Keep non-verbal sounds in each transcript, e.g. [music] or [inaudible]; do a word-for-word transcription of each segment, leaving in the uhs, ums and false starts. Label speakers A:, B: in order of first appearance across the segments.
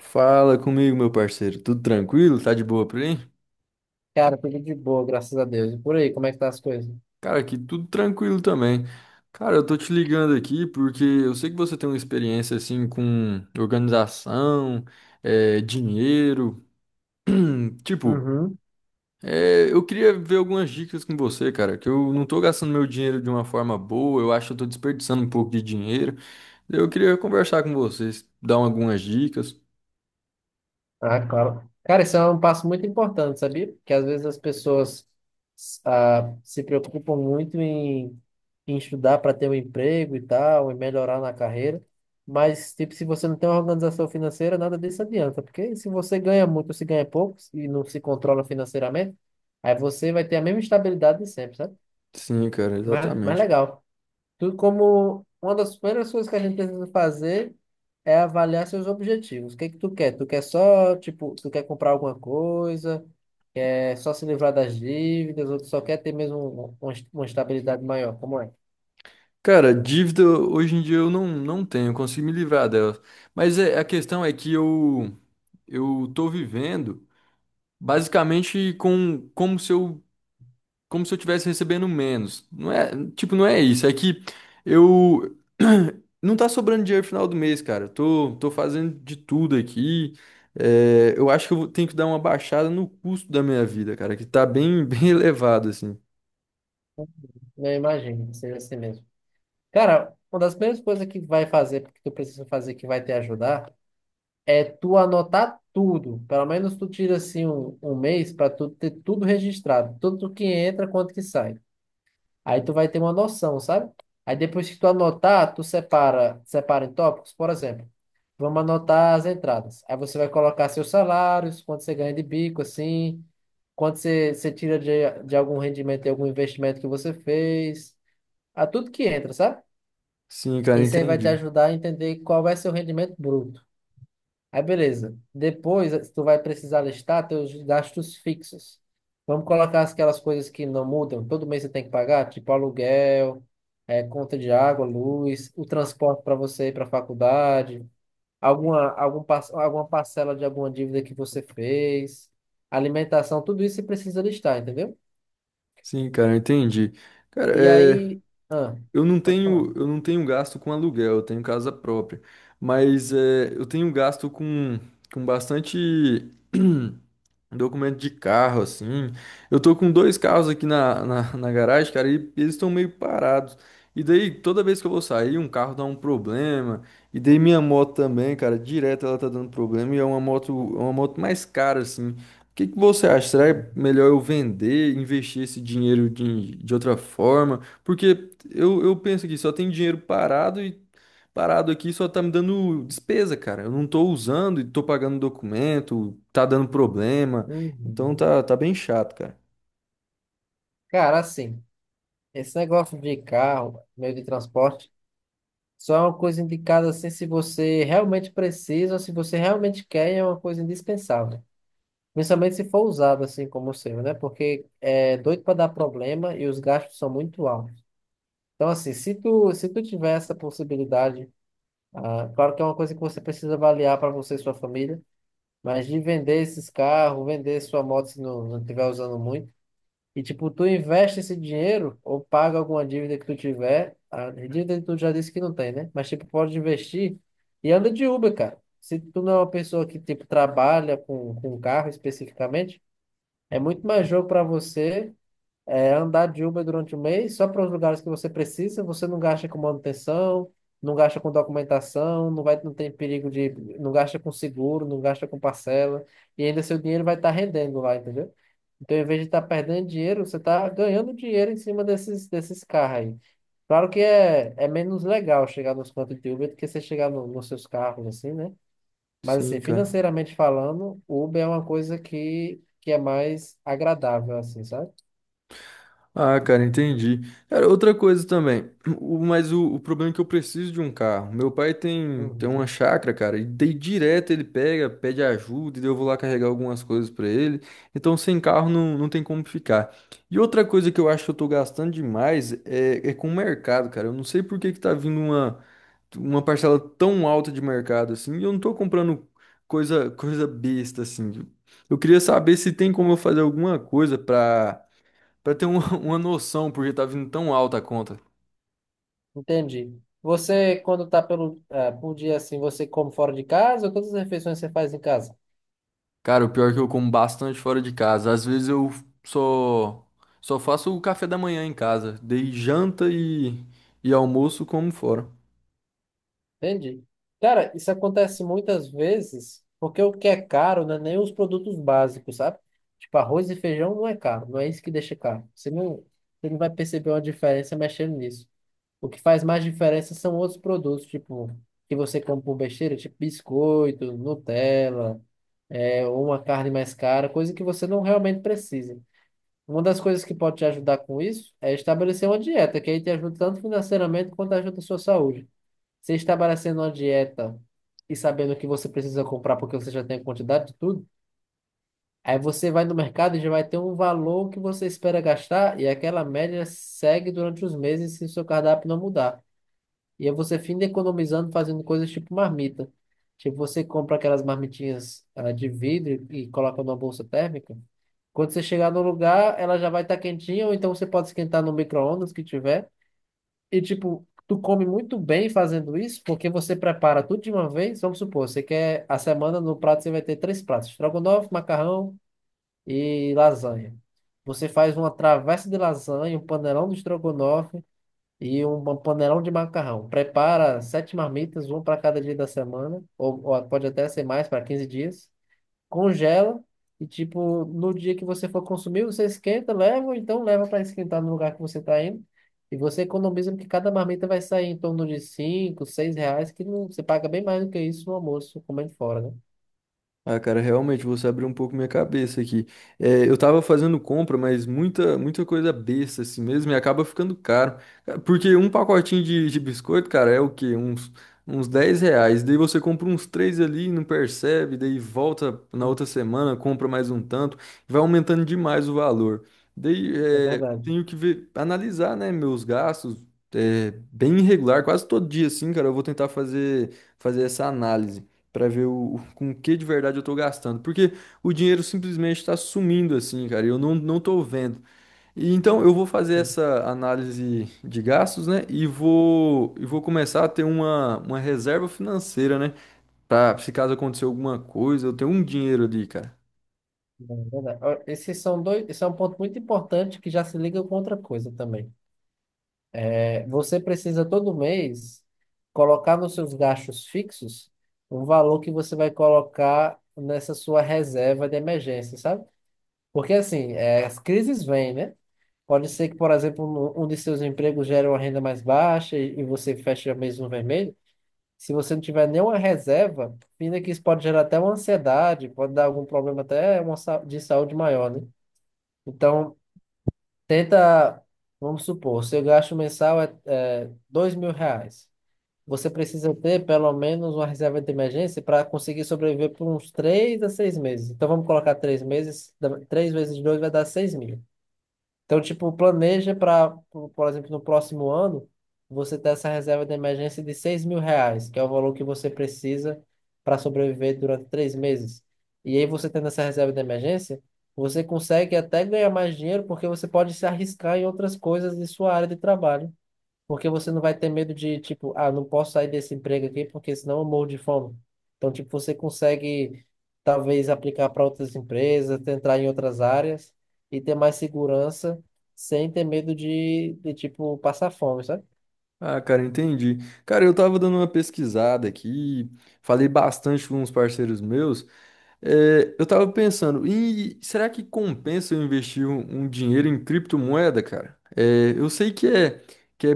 A: Fala comigo, meu parceiro. Tudo tranquilo? Tá de boa por aí?
B: Cara, tudo de boa, graças a Deus. E por aí, como é que tá as coisas?
A: Cara, aqui tudo tranquilo também. Cara, eu tô te ligando aqui porque eu sei que você tem uma experiência assim com organização, eh, dinheiro. Hum, Tipo,
B: Uhum.
A: eh, eu queria ver algumas dicas com você, cara, que eu não tô gastando meu dinheiro de uma forma boa, eu acho que eu tô desperdiçando um pouco de dinheiro. Eu queria conversar com vocês, dar algumas dicas.
B: Ah, claro. Cara, isso é um passo muito importante, sabia? Porque às vezes as pessoas ah, se preocupam muito em, em estudar para ter um emprego e tal, e melhorar na carreira. Mas, tipo, se você não tem uma organização financeira, nada disso adianta. Porque se você ganha muito ou se ganha pouco e não se controla financeiramente, aí você vai ter a mesma estabilidade de sempre, sabe?
A: Sim, cara,
B: Mas, mas
A: exatamente.
B: legal. Tudo como uma das primeiras coisas que a gente precisa fazer é avaliar seus objetivos. O que é que tu quer? Tu quer só, tipo, tu quer comprar alguma coisa, é só se livrar das dívidas, ou tu só quer ter mesmo uma uma estabilidade maior? Como é?
A: Cara, dívida hoje em dia eu não, não tenho, eu consigo me livrar dela. Mas é- a questão é que eu eu tô vivendo basicamente com como se eu como se eu tivesse recebendo menos. Não é, tipo, não é isso, é que eu [clears throat] não tá sobrando dinheiro no final do mês, cara. Eu Tô tô fazendo de tudo aqui. É, eu acho que eu vou- tenho que dar uma baixada no custo da minha vida, cara, que tá bem [laughs] bem elevado assim.
B: Não imagino que seja assim mesmo. Cara, uma das primeiras coisas que vai fazer, que tu precisa fazer que vai te ajudar, é tu anotar tudo. Pelo menos tu tira assim um, um mês para tu ter tudo registrado, tudo que entra, quanto que sai. Aí tu vai ter uma noção, sabe? Aí depois que tu anotar, tu separa, separa em tópicos, por exemplo. Vamos anotar as entradas. Aí você vai colocar seus salários, quanto você ganha de bico, assim, quanto você, você tira de, de algum rendimento, de algum investimento que você fez, a tudo que entra, sabe?
A: Sim, cara,
B: Isso aí vai te
A: entendi.
B: ajudar a entender qual vai ser o rendimento bruto. Aí, beleza. Depois, tu vai precisar listar teus gastos fixos. Vamos colocar aquelas coisas que não mudam. Todo mês você tem que pagar, tipo aluguel, eh, conta de água, luz, o transporte para você ir para a faculdade, alguma, algum, par- alguma parcela de alguma dívida que você fez, alimentação, tudo isso você precisa listar, entendeu?
A: Sim, cara, entendi. Cara,
B: E
A: é,
B: aí, ah,
A: Eu não
B: pode falar.
A: tenho, eu não tenho gasto com aluguel, eu tenho casa própria. Mas é, eu tenho gasto com, com bastante. [clears throat] Um documento de carro, assim. Eu tô com dois carros aqui na, na, na garagem, cara, e eles estão meio parados. E daí, toda vez que eu vou sair, um carro dá um problema. E daí minha moto também, cara, direto ela tá dando problema. E é uma moto, é uma moto mais cara, assim. O que que você acha? Será melhor eu vender, investir esse dinheiro de, de outra forma? Porque eu, eu penso que só tem dinheiro parado e parado aqui, só tá me dando despesa, cara. Eu não tô usando e tô pagando documento, tá dando problema. Então
B: Uhum.
A: tá, tá bem chato, cara.
B: Cara, assim, esse negócio de carro, meio de transporte. Só é uma coisa indicada assim se você realmente precisa, ou se você realmente quer, e é uma coisa indispensável. Principalmente se for usado assim como o seu, né? Porque é doido para dar problema e os gastos são muito altos. Então, assim, se tu, se tu tiver essa possibilidade, ah, claro que é uma coisa que você precisa avaliar para você e sua família, mas de vender esses carros, vender sua moto se não, não estiver usando muito. E, tipo, tu investe esse dinheiro ou paga alguma dívida que tu tiver. A dívida tu já disse que não tem, né? Mas, tipo, pode investir e anda de Uber, cara. Se tu não é uma pessoa que, tipo, trabalha com, com carro especificamente, é muito mais jogo para você é andar de Uber durante o mês só para os lugares que você precisa, você não gasta com manutenção, não gasta com documentação, não vai, não tem perigo de, não gasta com seguro, não gasta com parcela, e ainda seu dinheiro vai estar rendendo lá, entendeu? Então, em vez de estar perdendo dinheiro, você está ganhando dinheiro em cima desses, desses carros aí. Claro que é, é menos legal chegar nos pontos de Uber do que você chegar no- nos seus carros, assim, né? Mas,
A: Sim,
B: assim,
A: cara.
B: financeiramente falando, Uber é uma coisa que, que é mais agradável, assim, sabe?
A: Ah, cara, entendi. Cara, outra coisa também. O, mas o, o problema é que eu preciso de um carro. Meu pai tem, tem
B: Uhum.
A: uma chácara, cara, e daí direto ele pega, pede ajuda, e daí eu vou lá carregar algumas coisas pra ele. Então sem carro não, não tem como ficar. E outra coisa que eu acho que eu tô gastando demais é, é com o mercado, cara. Eu não sei por que que tá vindo uma. Uma parcela tão alta de mercado assim, e eu não tô comprando coisa coisa besta assim. Eu queria saber se tem como eu fazer alguma coisa pra para ter uma, [laughs] uma noção, porque tá vindo tão alta a conta.
B: Entendi. Você, quando tá pelo, ah, por dia assim, você come fora de casa ou todas as refeições você faz em casa?
A: Cara, o pior é que eu como bastante fora de casa. Às vezes eu só só faço o café da manhã em casa, dei janta e e almoço como fora.
B: Entendi. Cara, isso acontece muitas vezes porque o que é caro não é nem os produtos básicos, sabe? Tipo, arroz e feijão não é caro, não é isso que deixa caro. Você não, você não vai perceber uma diferença mexendo nisso. O que faz mais diferença são outros produtos, tipo, que você come por besteira, tipo biscoito, Nutella, é, ou uma carne mais cara, coisa que você não realmente precisa. Uma das coisas que pode te ajudar com isso é estabelecer uma dieta, que aí te ajuda tanto financeiramente quanto ajuda a sua saúde. Você estabelecendo uma dieta e sabendo o que você precisa comprar porque você já tem a quantidade de tudo, aí você vai no mercado e já vai ter um valor que você espera gastar e aquela média segue durante os meses se o seu cardápio não mudar. E aí você finda economizando fazendo coisas tipo marmita. Tipo, você compra aquelas marmitinhas ah, de vidro e coloca numa bolsa térmica. Quando você chegar no lugar, ela já vai estar quentinha, ou então você pode esquentar no micro-ondas que tiver. E tipo, tu come muito bem fazendo isso, porque você prepara tudo de uma vez. Vamos supor, você quer a semana no prato, você vai ter três pratos: estrogonofe, macarrão e lasanha. Você faz uma travessa de lasanha, um panelão de estrogonofe e um ba- panelão de macarrão. Prepara sete marmitas, uma para cada dia da semana, ou, ou pode até ser mais para quinze dias. Congela e, tipo, no dia que você for consumir, você esquenta, leva, ou então leva para esquentar no lugar que você está indo. E você economiza, porque cada marmita vai sair em torno de cinco seis reais, que não, você paga bem mais do que isso no almoço, comendo fora, né?
A: Ah, cara, realmente você abriu um pouco minha cabeça aqui. É, eu tava fazendo compra, mas muita, muita coisa besta assim mesmo e acaba ficando caro. Ca- Porque um pacotinho de, de biscoito, cara, é o quê? Uns, uns dez reais. Daí você compra uns três ali, não percebe, daí volta na outra semana, compra mais um tanto, vai aumentando demais o valor. Daí
B: É
A: é,
B: verdade.
A: tenho que ver, analisar, né, meus gastos. É, bem irregular, quase todo dia assim, cara, eu vou tentar fazer, fazer essa análise. Pra ver o, com o que de verdade eu tô gastando, porque o dinheiro simplesmente tá sumindo assim, cara, e eu não, não tô vendo. E então eu vou fazer
B: Uhum.
A: essa análise de gastos, né, e vou e vou começar a ter uma, uma reserva financeira, né, pra se caso acontecer alguma coisa, eu ter um dinheiro ali, cara.
B: É verdade. Ó, esses são dois, esse é um ponto muito importante que já se liga com outra coisa também. Você precisa todo mês colocar nos seus gastos fixos o valor que você vai colocar nessa sua reserva de emergência, sabe? Porque assim, é, as crises vêm, né? Pode ser que, por exemplo, um um de seus empregos gere uma renda mais baixa e, e você fecha mês no vermelho. Se você não tiver nenhuma reserva, ainda que isso pode gerar até uma ansiedade, pode dar algum problema até uma, sa- de saúde maior, né? Então, tenta, vamos supor, seu gasto mensal é, é dois mil reais. Você precisa ter pelo menos uma reserva de emergência para conseguir sobreviver por uns três a seis meses. Então vamos colocar três meses, dá- três vezes dois vai dar seis mil. Então, tipo, planeja para, por por exemplo, no próximo ano, você ter essa reserva de emergência de seis mil reais, que é o valor que você precisa para sobreviver durante três meses. E aí você tendo essa reserva de emergência, você consegue até ganhar mais dinheiro porque você pode se arriscar em outras coisas de sua área de trabalho. Porque você não vai ter medo de, tipo, ah, não posso sair desse emprego aqui porque senão eu morro de fome. Então, tipo, você consegue talvez aplicar para outras empresas, entrar em outras áreas e ter mais segurança sem ter medo de, de tipo, passar fome, sabe?
A: Ah, cara, entendi. Cara, eu tava dando uma pesquisada aqui, falei bastante com uns parceiros meus. É, eu tava pensando, e será que compensa eu investir um, um dinheiro em criptomoeda, cara? É, eu sei que é, que é,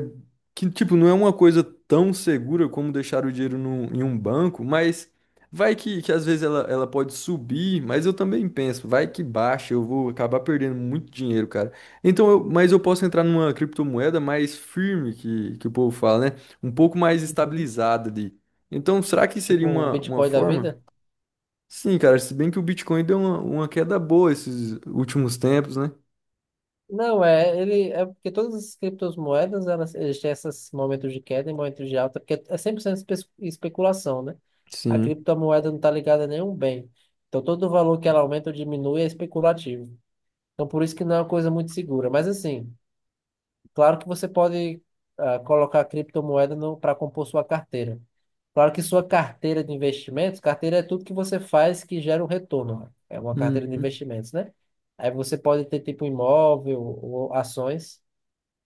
A: que tipo, não é uma coisa tão segura como deixar o dinheiro num- em um banco, mas vai que, que às vezes ela, ela pode subir, mas eu também penso, vai que baixa, eu vou acabar perdendo muito dinheiro, cara. Então, eu- mas eu posso entrar numa criptomoeda mais firme, que, que o povo fala, né? Um pouco mais
B: Uhum.
A: estabilizada ali. Então, será que seria
B: Tipo um
A: uma, uma
B: Bitcoin da
A: forma?
B: vida.
A: Sim, cara, se bem que o Bitcoin deu uma, uma queda boa esses últimos tempos, né?
B: Não, é, ele, é porque todas as criptomoedas, elas, eles têm esses momentos de queda e momentos de alta, porque é cem por cento espe- especulação, né? A
A: Sim.
B: criptomoeda não está ligada a nenhum bem. Então, todo o valor que ela aumenta ou diminui é especulativo. Então, por isso que não é uma coisa muito segura. Mas, assim, claro que você pode ah, colocar criptomoeda para compor sua carteira. Claro que sua carteira de investimentos, carteira é tudo que você faz que gera um retorno. Né? É uma carteira de
A: Uhum.
B: investimentos, né? Aí você pode ter tipo imóvel ou ações.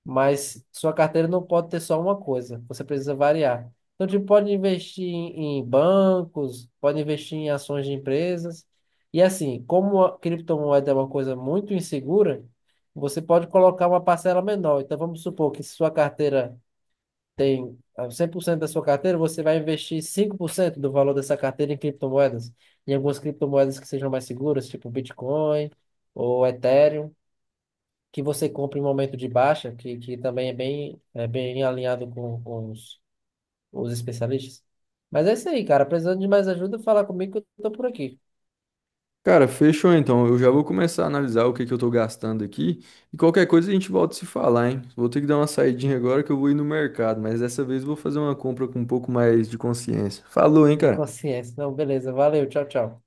B: Mas sua carteira não pode ter só uma coisa, você precisa variar. Então, tipo, pode investir em em bancos, pode investir em ações de empresas. E assim, como a criptomoeda é uma coisa muito insegura, você pode colocar uma parcela menor. Então, vamos supor que se sua carteira tem ah, cem por cento da sua carteira, você vai investir cinco por cento do valor dessa carteira em criptomoedas, em algumas criptomoedas que sejam mais seguras, tipo Bitcoin ou Ethereum que você compra em momento de baixa, que, que também é bem, é bem alinhado com, com os, os especialistas. Mas é isso aí, cara. Precisando de mais ajuda, fala comigo que eu tô por aqui.
A: Cara, fechou então. Eu já vou começar a analisar o que que eu tô gastando aqui. E qualquer coisa a gente volta a se falar, hein? Vou ter que dar uma saidinha agora que eu vou ir no mercado, mas dessa vez eu vou fazer uma compra com um pouco mais de consciência. Falou, hein,
B: De
A: cara?
B: consciência. Não, beleza. Valeu. Tchau, tchau.